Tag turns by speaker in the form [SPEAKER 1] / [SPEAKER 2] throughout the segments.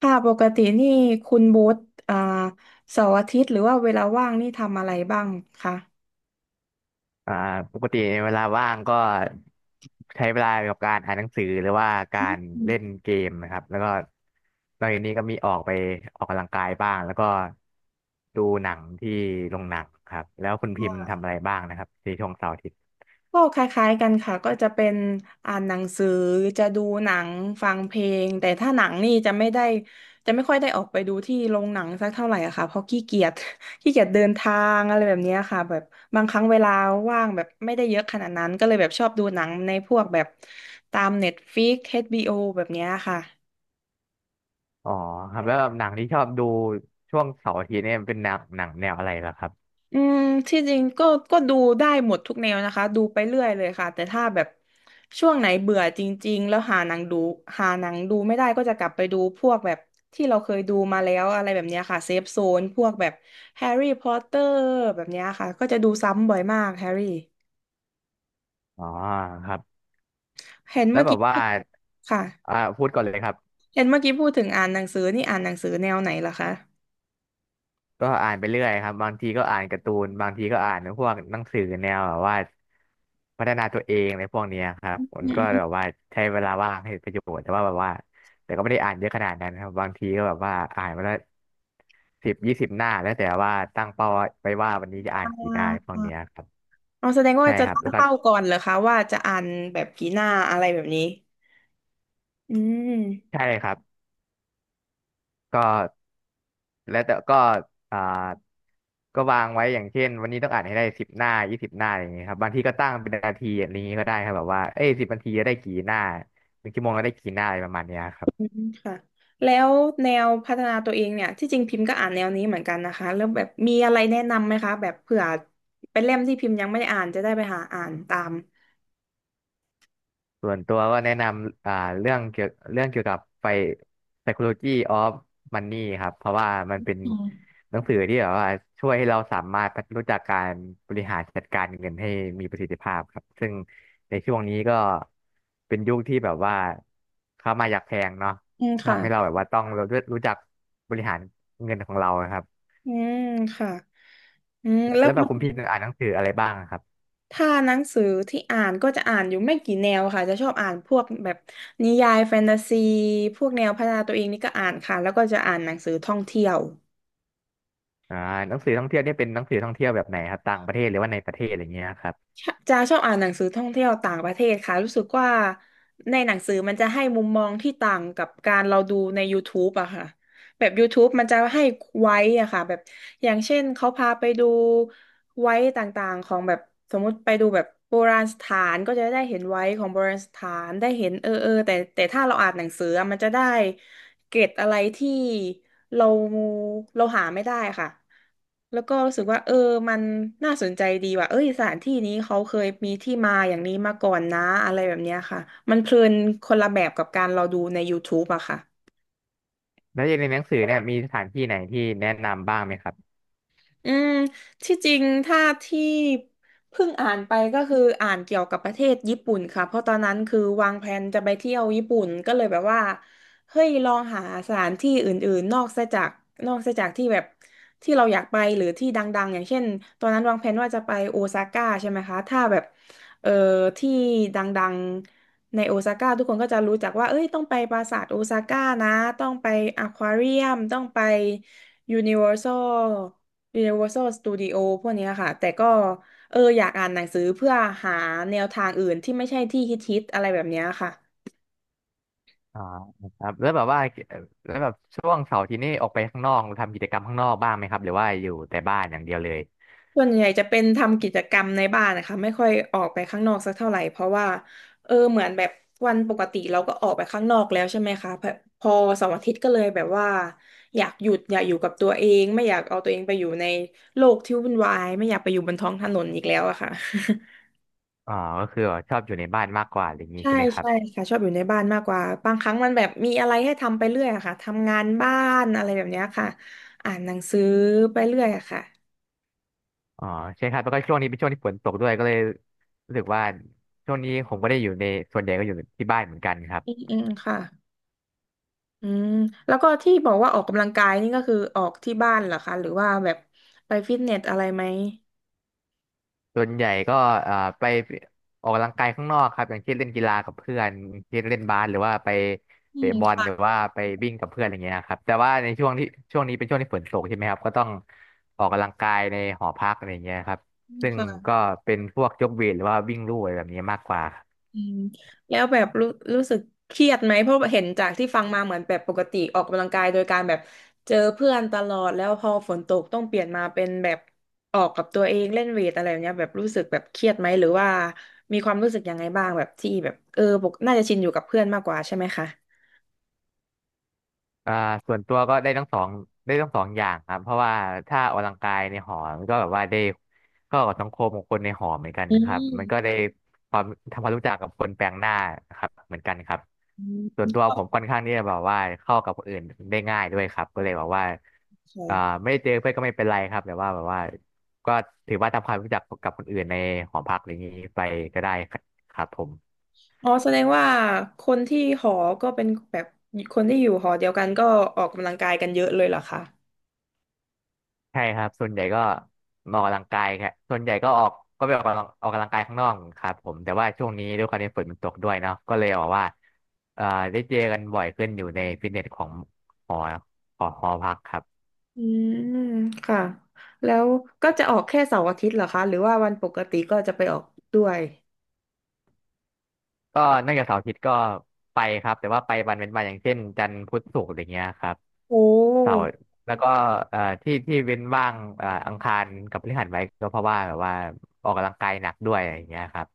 [SPEAKER 1] ค่ะปกตินี่คุณโบ๊ทอ่าเสาร์อาทิตย์หรือว่าเวลาว่างนี่ทำอะไรบ้างคะ
[SPEAKER 2] อ่าปกติในเวลาว่างก็ใช้เวลากับการอ่านหนังสือหรือว่ากา
[SPEAKER 1] อื
[SPEAKER 2] ร
[SPEAKER 1] ม
[SPEAKER 2] เล่นเกมนะครับแล้วก็นอกจากนี้ก็มีออกไปออกกำลังกายบ้างแล้วก็ดูหนังที่โรงหนังครับแล้วคุณพิมพ์ทำอะไรบ้างนะครับในช่วงเสาร์อาทิตย์
[SPEAKER 1] ก็คล้ายๆกันค่ะก็จะเป็นอ่านหนังสือจะดูหนังฟังเพลงแต่ถ้าหนังนี่จะไม่ได้จะไม่ค่อยได้ออกไปดูที่โรงหนังสักเท่าไหร่อะค่ะเพราะขี้เกียจ ขี้เกียจเดินทางอะไรแบบเนี้ยค่ะแบบบางครั้งเวลาว่างแบบไม่ได้เยอะขนาดนั้นก็เลยแบบชอบดูหนังในพวกแบบตาม Netflix เอชบี b อแบบเนี้ยค่ะ
[SPEAKER 2] อ๋อครับแล้วหนังที่ชอบดูช่วงเสาร์อาทิตย์เนี่ยเป็นหนังแนวอะไรล่ะครับ
[SPEAKER 1] อืมที่จริงก็ดูได้หมดทุกแนวนะคะดูไปเรื่อยเลยค่ะแต่ถ้าแบบช่วงไหนเบื่อจริงๆแล้วหาหนังดูไม่ได้ก็จะกลับไปดูพวกแบบที่เราเคยดูมาแล้วอะไรแบบเนี้ยค่ะเซฟโซนพวกแบบแฮร์รี่พอตเตอร์แบบเนี้ยค่ะก็จะดูซ้ำบ่อยมากแฮร์รี่
[SPEAKER 2] อ๋อครับ
[SPEAKER 1] เห็น
[SPEAKER 2] แล้
[SPEAKER 1] เมื่
[SPEAKER 2] ว
[SPEAKER 1] อ
[SPEAKER 2] แบ
[SPEAKER 1] กี้
[SPEAKER 2] บว่า
[SPEAKER 1] พูดค่ะ
[SPEAKER 2] พูดก่อนเลยครับ
[SPEAKER 1] เห็นเมื่อกี้พูดถึงอ่านหนังสือนี่อ่านหนังสือแนวไหนล่ะคะ
[SPEAKER 2] ก็อ่านไปเรื่อยครับบางทีก็อ่านการ์ตูนบางทีก็อ่านพวกหนังสือแนวแบบว่าพัฒนาตัวเองในพวกเนี้ยครับ
[SPEAKER 1] อื
[SPEAKER 2] มันก็แบ
[SPEAKER 1] ม
[SPEAKER 2] บว่าใช้เวลาว่างให้เป็นประโยชน์แต่ว่าแบบว่าแต่ก็ไม่ได้อ่านเยอะขนาดนั้นครับบางทีก็แบบว่าอ่านมาละ10 20 หน้าแล้วแต่ว่าตั้งเป้าไว้ว่าวันนี้จะอ่าน
[SPEAKER 1] อ่า
[SPEAKER 2] กี่หน้าพวกเนี้ยครับ
[SPEAKER 1] เอาแสดงว่า
[SPEAKER 2] ใช่
[SPEAKER 1] จะ
[SPEAKER 2] ครับ
[SPEAKER 1] ตั้ง
[SPEAKER 2] แล้วก็
[SPEAKER 1] เป้าก่อนเหรอคะว่าจะอ่านแบบกี่หน้าอะไรแบบนี้อืม
[SPEAKER 2] ใช่ครับ ก็แล้วแต่ก็อ่าก็วางไว้อย่างเช่นวันนี้ต้องอ่านให้ได้10 หน้า 20 หน้าอย่างเงี้ยครับบางทีก็ตั้งเป็นนาทีอย่างนี้ก็ได้ครับแบบว่าเอ้ย10 นาทีจะได้กี่หน้า1 ชั่วโมงก็ได้กี่หน้าอะไรประมาณเนี้ยครั
[SPEAKER 1] อื
[SPEAKER 2] บ
[SPEAKER 1] มค่ะแล้วแนวพัฒนาตัวเองเนี่ยที่จริงพิมพ์ก็อ่านแนวนี้เหมือนกันนะคะแล้วแบบมีอะไรแนะนำไหมคะแบบเผื่อเป็นเล่มที่พิมพ์ยังไม่ได้อ่านจะได้ไปหาอ่านตาม
[SPEAKER 2] ส่วนตัวก็แนะนำเรื่องเกี่ยวกับไฟ Psychology of Money ครับเพราะว่ามันเป็นหนังสือที่แบบว่าช่วยให้เราสามารถรู้จักการบริหารจัดการเงินให้มีประสิทธิภาพครับซึ่งในช่วงนี้ก็เป็นยุคที่แบบว่าค่ามาอยากแพงเนาะ
[SPEAKER 1] อืมค่ะ
[SPEAKER 2] ทำให้เราแบบว่าต้องรู้จักบริหารเงินของเราครับ
[SPEAKER 1] อืมค่ะอืมแล้ว
[SPEAKER 2] แล้วแบ
[SPEAKER 1] มั
[SPEAKER 2] บ
[SPEAKER 1] น
[SPEAKER 2] คุณพี่อ่านหนังสืออะไรบ้างครับ
[SPEAKER 1] ถ้าหนังสือที่อ่านก็จะอ่านอยู่ไม่กี่แนวค่ะจะชอบอ่านพวกแบบนิยายแฟนตาซีพวกแนวพัฒนาตัวเองนี่ก็อ่านค่ะแล้วก็จะอ่านหนังสือท่องเที่ยว
[SPEAKER 2] อ่าหนังสือท่องเที่ยวเนี่ยเป็นหนังสือท่องเที่ยวแบบไหนครับต่างประเทศหรือว่าในประเทศอะไรเงี้ยครับ
[SPEAKER 1] จาชอบอ่านหนังสือท่องเที่ยวต่างประเทศค่ะรู้สึกว่าในหนังสือมันจะให้มุมมองที่ต่างกับการเราดูใน YouTube อะค่ะแบบ YouTube มันจะให้ไว้อะค่ะแบบอย่างเช่นเขาพาไปดู ไว้ต่างๆของแบบสมมุติไปดูแบบโบราณสถานก็จะได้เห็นไว้ของโบราณสถานได้เห็นเออเออแต่ถ้าเราอ่านหนังสืออะมันจะได้เกร็ดอะไรที่เราเราหาไม่ได้ค่ะแล้วก็รู้สึกว่าเออมันน่าสนใจดีว่ะเอ้ยสถานที่นี้เขาเคยมีที่มาอย่างนี้มาก่อนนะอะไรแบบเนี้ยค่ะมันเพลินคนละแบบกับการเราดูใน YouTube อะค่ะ
[SPEAKER 2] แล้วอย่างในหนังสือเนี่ยมีสถานที่ไหนที่แนะนำบ้างไหมครับ
[SPEAKER 1] อืม ที่จริง ถ้าที่เพิ่งอ่านไปก็คืออ่านเกี่ยวกับประเทศญี่ปุ่นค่ะเพราะตอนนั้นคือวางแผนจะไปเที่ยวญี่ปุ่นก็เลยแบบว่า เฮ้ย ลองหาสถานที่อื่นๆนอกซะจากที่แบบที่เราอยากไปหรือที่ดังๆอย่างเช่นตอนนั้นวางแผนว่าจะไปโอซาก้าใช่ไหมคะถ้าแบบเอ่อที่ดังๆในโอซาก้าทุกคนก็จะรู้จักว่าเอ้ยต้องไปปราสาทโอซาก้านะต้องไปอควาเรียมต้องไปยูนิเวอร์แซล Universal Studio พวกเนี้ยค่ะแต่ก็เอออยากอ่านหนังสือเพื่อหาแนวทางอื่นที่ไม่ใช่ที่ฮิตๆอะไรแบบเนี้ยค่ะ
[SPEAKER 2] อ่าครับแล้วแบบว่าเอ่อแล้วแบบช่วงเสาร์อาที่นี่ออกไปข้างนอกทำกิจกรรมข้างนอกบ้างไหมครับหรือว่าอยู่แต่บ้านอย่างเดียวเลย
[SPEAKER 1] ส่วนใหญ่จะเป็นทำกิจกรรมในบ้านนะคะไม่ค่อยออกไปข้างนอกสักเท่าไหร่เพราะว่าเออเหมือนแบบวันปกติเราก็ออกไปข้างนอกแล้วใช่ไหมคะพอเสาร์อาทิตย์ก็เลยแบบว่าอยากหยุดอยากอยู่กับตัวเองไม่อยากเอาตัวเองไปอยู่ในโลกที่วุ่นวายไม่อยากไปอยู่บนท้องถนนอีกแล้วอะค่ะ
[SPEAKER 2] อ่าก็คือแบบชอบอยู่ในบ้านมากกว่าอะไรอย่างนี้
[SPEAKER 1] ใช่
[SPEAKER 2] ใช่ไหมครับ
[SPEAKER 1] ใช่ค่ะชอบอยู่ในบ้านมากกว่าบางครั้งมันแบบมีอะไรให้ทำไปเรื่อยอะค่ะทำงานบ้านอะไรแบบเนี้ยค่ะอ่านหนังสือไปเรื่อยอะค่ะ
[SPEAKER 2] อ๋อใช่ครับแล้วก็ช่วงนี้เป็นช่วงที่ฝนตกด้วยก็เลยรู้สึกว่าช่วงนี้ผมก็ได้อยู่ในส่วนใหญ่ก็อยู่ที่บ้านเหมือนกันครับ
[SPEAKER 1] อืมอืมค่ะอืมแล้วก็ที่บอกว่าออกกำลังกายนี่ก็คือออกที่บ้านเหรอคะหรือว่าแบบไปฟิตเนสอะไรไหม
[SPEAKER 2] ส่วนใหญ่ก็ไปออกกำลังกายข้างนอกครับอย่างเช่นเล่นกีฬากับเพื่อนอย่างเช่นเล่นบาสหรือว่าไป
[SPEAKER 1] อื
[SPEAKER 2] เตะ
[SPEAKER 1] ม
[SPEAKER 2] บอลหรือ
[SPEAKER 1] ค่ะ
[SPEAKER 2] ว่าไปวิ่งกับเพื่อนอะไรเงี้ยครับแต่ว่าในช่วงนี้เป็นช่วงที่ฝนตกใช่ไหมครับก็ต้องออกกำลังกายในหอพักอะไรเงี้ยครับ
[SPEAKER 1] อืม
[SPEAKER 2] ซึ่ง
[SPEAKER 1] ค่ะ
[SPEAKER 2] ก็เป็นพวกยกเวทหรือว่าวิ่งลู่อะไรแบบนี้มากกว่า
[SPEAKER 1] อืมแล้วแบบรู้สึกเครียดไหมเพราะเห็นจากที่ฟังมาเหมือนแบบปกติออกกำลังกายโดยการแบบเจอเพื่อนตลอดแล้วพอฝนตกต้องเปลี่ยนมาเป็นแบบออกกับตัวเองเล่นเวทอะไรแบบเนี้ยแบบรู้สึกแบบเครียดไหมหรือว่ามีความรู้สึกยังไงบ้างแบบที่แบบเออปกน่าจะชินอยู่กับเพื่อนมากกว่าใช่ไหมคะ
[SPEAKER 2] อ่าส่วนตัวก็ได้ทั้งสองอย่างครับเพราะว่าถ้าออกกำลังกายในหอมันก็แบบว่าได้เข้ากับสังคมของคนในหอเหมือนกัน
[SPEAKER 1] อื
[SPEAKER 2] ครับมันก็
[SPEAKER 1] ม
[SPEAKER 2] ได้ความทำความรู้จักกับคนแปลกหน้าครับเหมือนกันครับ
[SPEAKER 1] อื
[SPEAKER 2] ส่วน
[SPEAKER 1] ม
[SPEAKER 2] ตัวผมค่อนข้างที่จะแบบว่าเข้ากับคนอื่นได้ง่ายด้วยครับก็เลยแบบว่าอ่า
[SPEAKER 1] ค่ะ
[SPEAKER 2] ไม่ได้เจอเพื่อนก็ไม่เป็นไรครับแต่ว่าแบบว่าก็ถือว่าทำความรู้จักกับคนอื่นในหอพักอะไรอย่างนี้ไปก็ได้ครับผม
[SPEAKER 1] อ๋อแสดงว่าคนที่หอก็เป็นแบบคนที่อยู่หอเดียวกันก็ออกกำลังกายกันเยอะเลยเหรอคะ
[SPEAKER 2] ใช่ครับส่วนใหญ่ก็มาออกกำลังกายครับส่วนใหญ่ก็ออกก็ไปออกกำลังกายข้างนอกครับผมแต่ว่าช่วงนี้ด้วยความที่ฝนมันตกด้วยเนาะก็เลยบอกว่าเอ่อได้เจอกันบ่อยขึ้นอยู่ในฟิตเนสของหอของหอพักครับ
[SPEAKER 1] อืมค่ะแล้วก็จะออกแค่เสาร์อาทิตย์เหรอคะหรือว่าวันปกติก็จะไปออกด้วย
[SPEAKER 2] ก็นอกจากเสาร์อาทิตย์ก็ไปครับแต่ว่าไปวันเว้นวันอย่างเช่นจันทร์พุธศุกร์อะไรเงี้ยครับ
[SPEAKER 1] โอ้
[SPEAKER 2] เสาร์แล้วก็ที่เว้นว่างอังคารกับพฤหัสไว้ก็เพราะว่าแบบว่าออกกำลังกายหนักด้วยอะไรเงี้ยครับ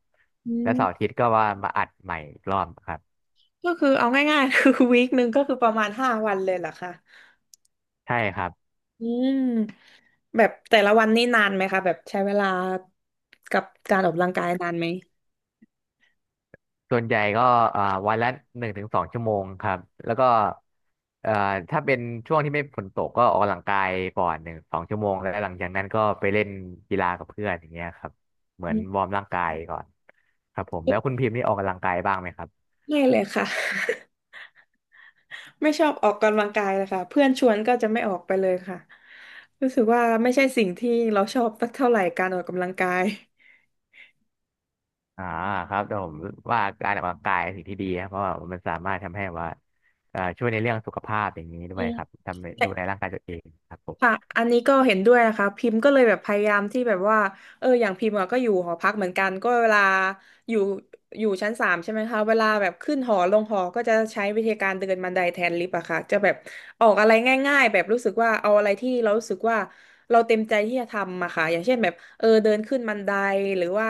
[SPEAKER 1] อื
[SPEAKER 2] แล้วเสาร์อา
[SPEAKER 1] ม
[SPEAKER 2] ทิตย์ก็ว่ามาอัดใหม่อีกรอบครับ
[SPEAKER 1] ก็คือเอาง่ายๆ คือวีคหนึ่งก็คือประมาณ5 วันเลยเหรอคะ
[SPEAKER 2] ใช่ครับ
[SPEAKER 1] อืมแบบแต่ละวันนี่นานไหมคะแบบใช้เวลากับการออกกำลังกายนานไหม
[SPEAKER 2] ส่วนใหญ่ก็อ่าวันละหนึ่งถึงสองชั่วโมงครับแล้วก็เอ่อถ้าเป็นช่วงที่ไม่ฝนตกก็ออกกำลังกายก่อนหนึ่งสองชั่วโมงแล้วหลังจากนั้นก็ไปเล่นกีฬากับเพื่อนอย่างเงี้ยครับเหมื
[SPEAKER 1] อื
[SPEAKER 2] อนว
[SPEAKER 1] ม
[SPEAKER 2] อร์มร่างกายก่อนครับผมแล้วคุณพิมพ์นี่ออกกำลังกายบ้างไหมครับ
[SPEAKER 1] ไม่เลยค่ะ ไม่ชอบออกกำลังกายเลยค่ะเพื่อนชวนก็จะไม่ออกไปเลยค่ะรู้สึกว่าไม่ใช่สิ่งที่เราชอบสักเท่าไหร่การออกกำลังกาย
[SPEAKER 2] อ่าครับแต่ผมว่าการออกกำลังกายปสิ่งที่ดีครับเพราะว่ามันสามารถทำให้ว่าช่วยในเรื่องสุขภาพอย่างนี้ด้ว
[SPEAKER 1] อื
[SPEAKER 2] ยครับ
[SPEAKER 1] ม
[SPEAKER 2] ทำให้ดูแลร่างกายตัวเองครับผ
[SPEAKER 1] ค่ะ
[SPEAKER 2] ม
[SPEAKER 1] อันนี้ก็เห็นด้วยนะคะ พิมพ์ก็เลยแบบพยายามที่แบบว่าอย่างพิมพ์อะก็อยู่หอพักเหมือนกันก็เวลาอยู่อยู่ชั้น 3ใช่ไหมคะเวลาแบบขึ้นหอลงหอก็จะใช้วิธีการเดินบันไดแทนลิฟต์อะค่ะจะแบบออกอะไรง่ายๆแบบรู้สึกว่าเอาอะไรที่เรารู้สึกว่าเราเต็มใจที่จะทำอะค่ะอย่างเช่นแบบเดินขึ้นบันไดหรือว่า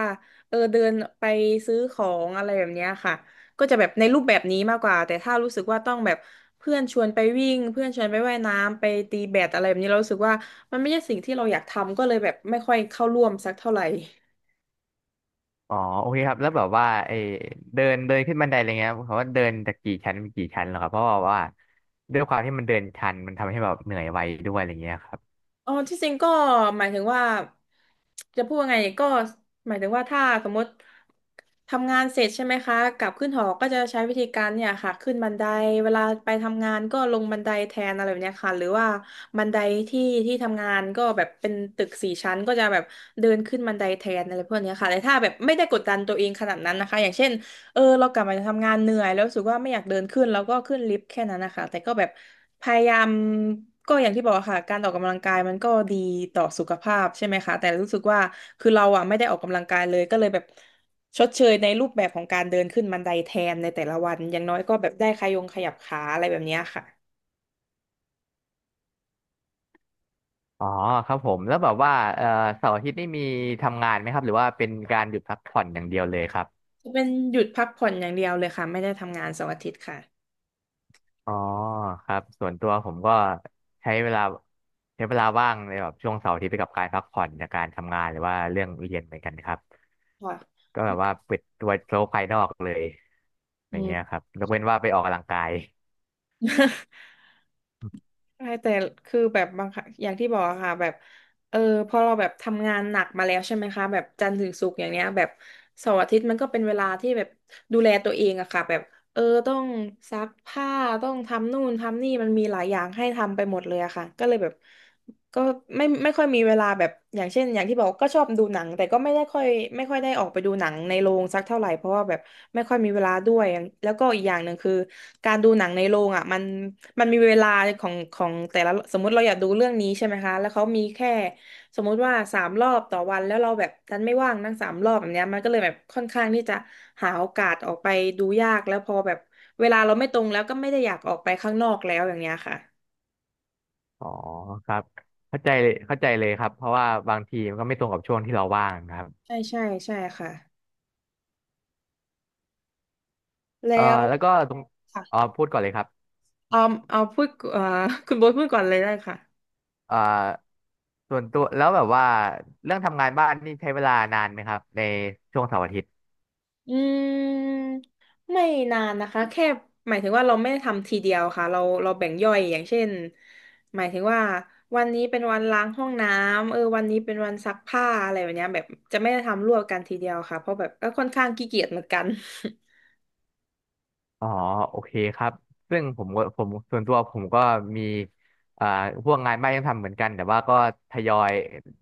[SPEAKER 1] เดินไปซื้อของอะไรแบบเนี้ยค่ะก็จะแบบในรูปแบบนี้มากกว่าแต่ถ้ารู้สึกว่าต้องแบบ เพื่อนชวนไปวิ่งเพื่อนชวนไปว่ายน้ำไปตีแบดอะไรแบบนี้เรารู้สึกว่ามันไม่ใช่สิ่งที่เราอยากทำก็เลยแบบไม่ค่อยเข้าร่วมสักเท่าไหร่
[SPEAKER 2] อ๋อโอเคครับ แล้วแบบว่าไอเดินเดินขึ้นบันไดอะไรเงี้ยเขาว่าเดินจากกี่ชั้นเป็นกี่ชั้นเหรอครับเพราะว่าด้วยความที่มันเดินชันมันทำให้แบบเหนื่อยไวด้วยอะไรเงี้ยครับ
[SPEAKER 1] อ๋อที่จริงก็หมายถึงว่าจะพูดว่าไงก็หมายถึงว่าถ้าสมมติทำงานเสร็จใช่ไหมคะกลับขึ้นหอก็จะใช้วิธีการเนี่ยค่ะขึ้นบันไดเวลาไปทำงานก็ลงบันไดแทนอะไรแบบเนี้ยค่ะหรือว่าบันไดที่ที่ทำงานก็แบบเป็นตึก4 ชั้นก็จะแบบเดินขึ้นบันไดแทนอะไรพวกเนี้ยค่ะแต่ถ้าแบบไม่ได้กดดันตัวเองขนาดนั้นนะคะอย่างเช่น เรากลับมาจากทำงานเหนื่อยแล้วรู้สึกว่าไม่อยากเดินขึ้นแล้วก็ขึ้นลิฟต์แค่นั้นนะคะแต่ก็แบบพยายามก็อย่างที่บอกอะค่ะการออกกำลังกายมันก็ดีต่อสุขภาพใช่ไหมคะแต่รู้สึกว่าคือเราอ่ะไม่ได้ออกกำลังกายเลยก็เลยแบบชดเชยในรูปแบบของการเดินขึ้นบันไดแทนในแต่ละวันอย่างน้อยก็แบบได้ขยงขยับขาอะไรแบบเนี้ยค่ะ
[SPEAKER 2] อ๋อครับผมแล้วแบบว่าเสาร์อาทิตย์นี่มีทำงานไหมครับหรือว่าเป็นการหยุดพักผ่อนอย่างเดียวเลยครับ
[SPEAKER 1] เป็นหยุดพักผ่อนอย่างเดียวเลยค่ะไม่ได้ทำงานเสาร์อาทิตย์ค่ะ
[SPEAKER 2] อ๋อครับ ส่วนตัวผมก็ใช้เวลาใช้เวลาว่างในแบบช่วงเสาร์อาทิตย์ไปกับการพักผ่อนจากการทำงานหรือว่าเรื่องเรียนเหมือนกันครับ
[SPEAKER 1] ค่ะ
[SPEAKER 2] ก็แบบว่าปิดตัวโลกภายนอกเลยอ
[SPEAKER 1] อื
[SPEAKER 2] ย่าง
[SPEAKER 1] ม
[SPEAKER 2] เงี้ยครับยกเว้นว่าไปออกกำลังกาย
[SPEAKER 1] ใช่แต่คือแบบบางครั้งอย่างที่บอกอะค่ะแบบเออพอเราแบบทำงานหนักมาแล้วใช่ไหมคะแบบจันทร์ถึงศุกร์อย่างเนี้ยแบบเสาร์อาทิตย์มันก็เป็นเวลาที่แบบดูแลตัวเองอะค่ะแบบต้องซักผ้าต้องทำนู่นทำนี่มันมีหลายอย่างให้ทำไปหมดเลยอะค่ะก็เลยแบบ ก็ไม่ค่อยมีเวลาแบบอย่างเช่นอย่างที่บอกก็ชอบดูหนังแต่ก็ไม่ได้ค่อยไม่ค่อยได้ออกไปดูหนังในโรงสักเท่าไหร่เพราะว่าแบบไม่ค่อยมีเวลาด้วยแล้วก็อีกอย่างหนึ่งคือการดูหนังในโรงอ่ะมันมีเวลาของแต่ละสมมุติเราอยากดูเรื่องนี้ใช่ไหมคะแล้วเขามีแค่สมมุติว่าสามรอบต่อวันแล้วเราแบบดันไม่ว่างนั่งสามรอบแบบเนี้ยมันก็เลยแบบค่อนข้างที่จะหาโอกาสออกไปดูยากแล้วพอแบบเวลาเราไม่ตรงแล้วก็ไม่ได้อยากออกไปข้างนอกแล้วอย่างเงี้ยค่ะ
[SPEAKER 2] อ๋อครับเข้าใจเลยเข้าใจเลยครับเพราะว่าบางทีมันก็ไม่ตรงกับช่วงที่เราว่างครับ
[SPEAKER 1] ใช่ใช่ใช่ค่ะ แล้
[SPEAKER 2] เอ่อ
[SPEAKER 1] ว
[SPEAKER 2] แล้วก็ตรงอ๋อ
[SPEAKER 1] ค่ะ
[SPEAKER 2] พูดก่อนเลยครับ
[SPEAKER 1] เอาเอาพูด คุณโบ๊ทพูดก่อนเลยได้ค่ะ
[SPEAKER 2] เอ่อส่วนตัวแล้วแบบว่าเรื่องทำงานบ้านนี่ใช้เวลานานไหมครับในช่วงเสาร์อาทิตย์
[SPEAKER 1] อืมไม่นานนะคะแค่หมายถึงว่าเราไม่ได้ทำทีเดียวค่ะเราแบ่งย่อยอย่างเช่นหมายถึงว่าวันนี้เป็นวันล้างห้องน้ำวันนี้เป็นวันซักผ้าอะไรแบบเนี้ยแบบจะไม่ได้ทำรวบกันทีเดียวค่ะเพราะแบบก็ค่อนข้างขี้เกียจเหมือนกัน
[SPEAKER 2] อ๋อโอเคครับซึ่งผมก็ผมส่วนตัวผมก็มีเอ่อพวกงานบ้านยังทำเหมือนกันแต่ว่าก็ทยอย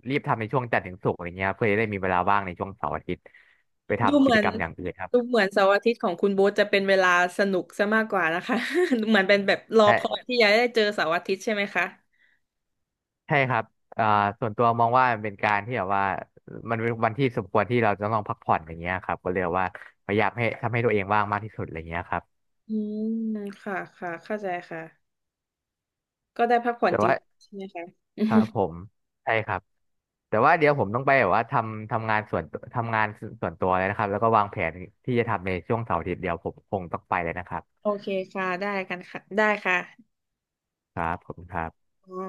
[SPEAKER 2] รีบทำในช่วงจันทร์ถึงศุกร์อะไรเงี้ยครับเพื่อจะได้มีเวลาว่างในช่วงเสาร์อาทิตย์ไป
[SPEAKER 1] ดู
[SPEAKER 2] ทำ
[SPEAKER 1] เห
[SPEAKER 2] กิ
[SPEAKER 1] มื
[SPEAKER 2] จ
[SPEAKER 1] อน
[SPEAKER 2] กรรมอย่างอื่นครับ
[SPEAKER 1] ดูเหมือนเสาร์อาทิตย์ของคุณโบ๊ทจะเป็นเวลาสนุกซะมากกว่านะคะ เหมือนเป็นแบบรอคอย
[SPEAKER 2] ใช่
[SPEAKER 1] ที่จะได้เจอเสาร์อาทิตย์ใช่ไหมคะ
[SPEAKER 2] ใช่ครับอ่าส่วนตัวมองว่ามันเป็นการที่แบบว่ามันเป็นวันที่สมควรที่เราจะต้องพักผ่อนอย่างเงี้ยครับก็เลยว่าพยายามให้ทำให้ตัวเองว่างมากที่สุดอะไรเงี้ยครับ
[SPEAKER 1] อืมค่ะ ค่ะ เข้าใจค่ะ ก็ได้พักผ่อน
[SPEAKER 2] แต่
[SPEAKER 1] จริ
[SPEAKER 2] ว่า
[SPEAKER 1] งๆใช่ไหมคะ
[SPEAKER 2] ครับ ผมใช่ครับแต่ว่าเดี๋ยวผมต้องไปแบบว่าทำงานทำงานส่วนตัวเลยนะครับแล้วก็วางแผนที่จะทำในช่วงเสาร์อาทิตย์เดียวผมคงต้องไปเลยนะครับ
[SPEAKER 1] โอเคค่ะ ได้กันค่ะ ได้ค่ะ
[SPEAKER 2] ครับผมครับ
[SPEAKER 1] อ่า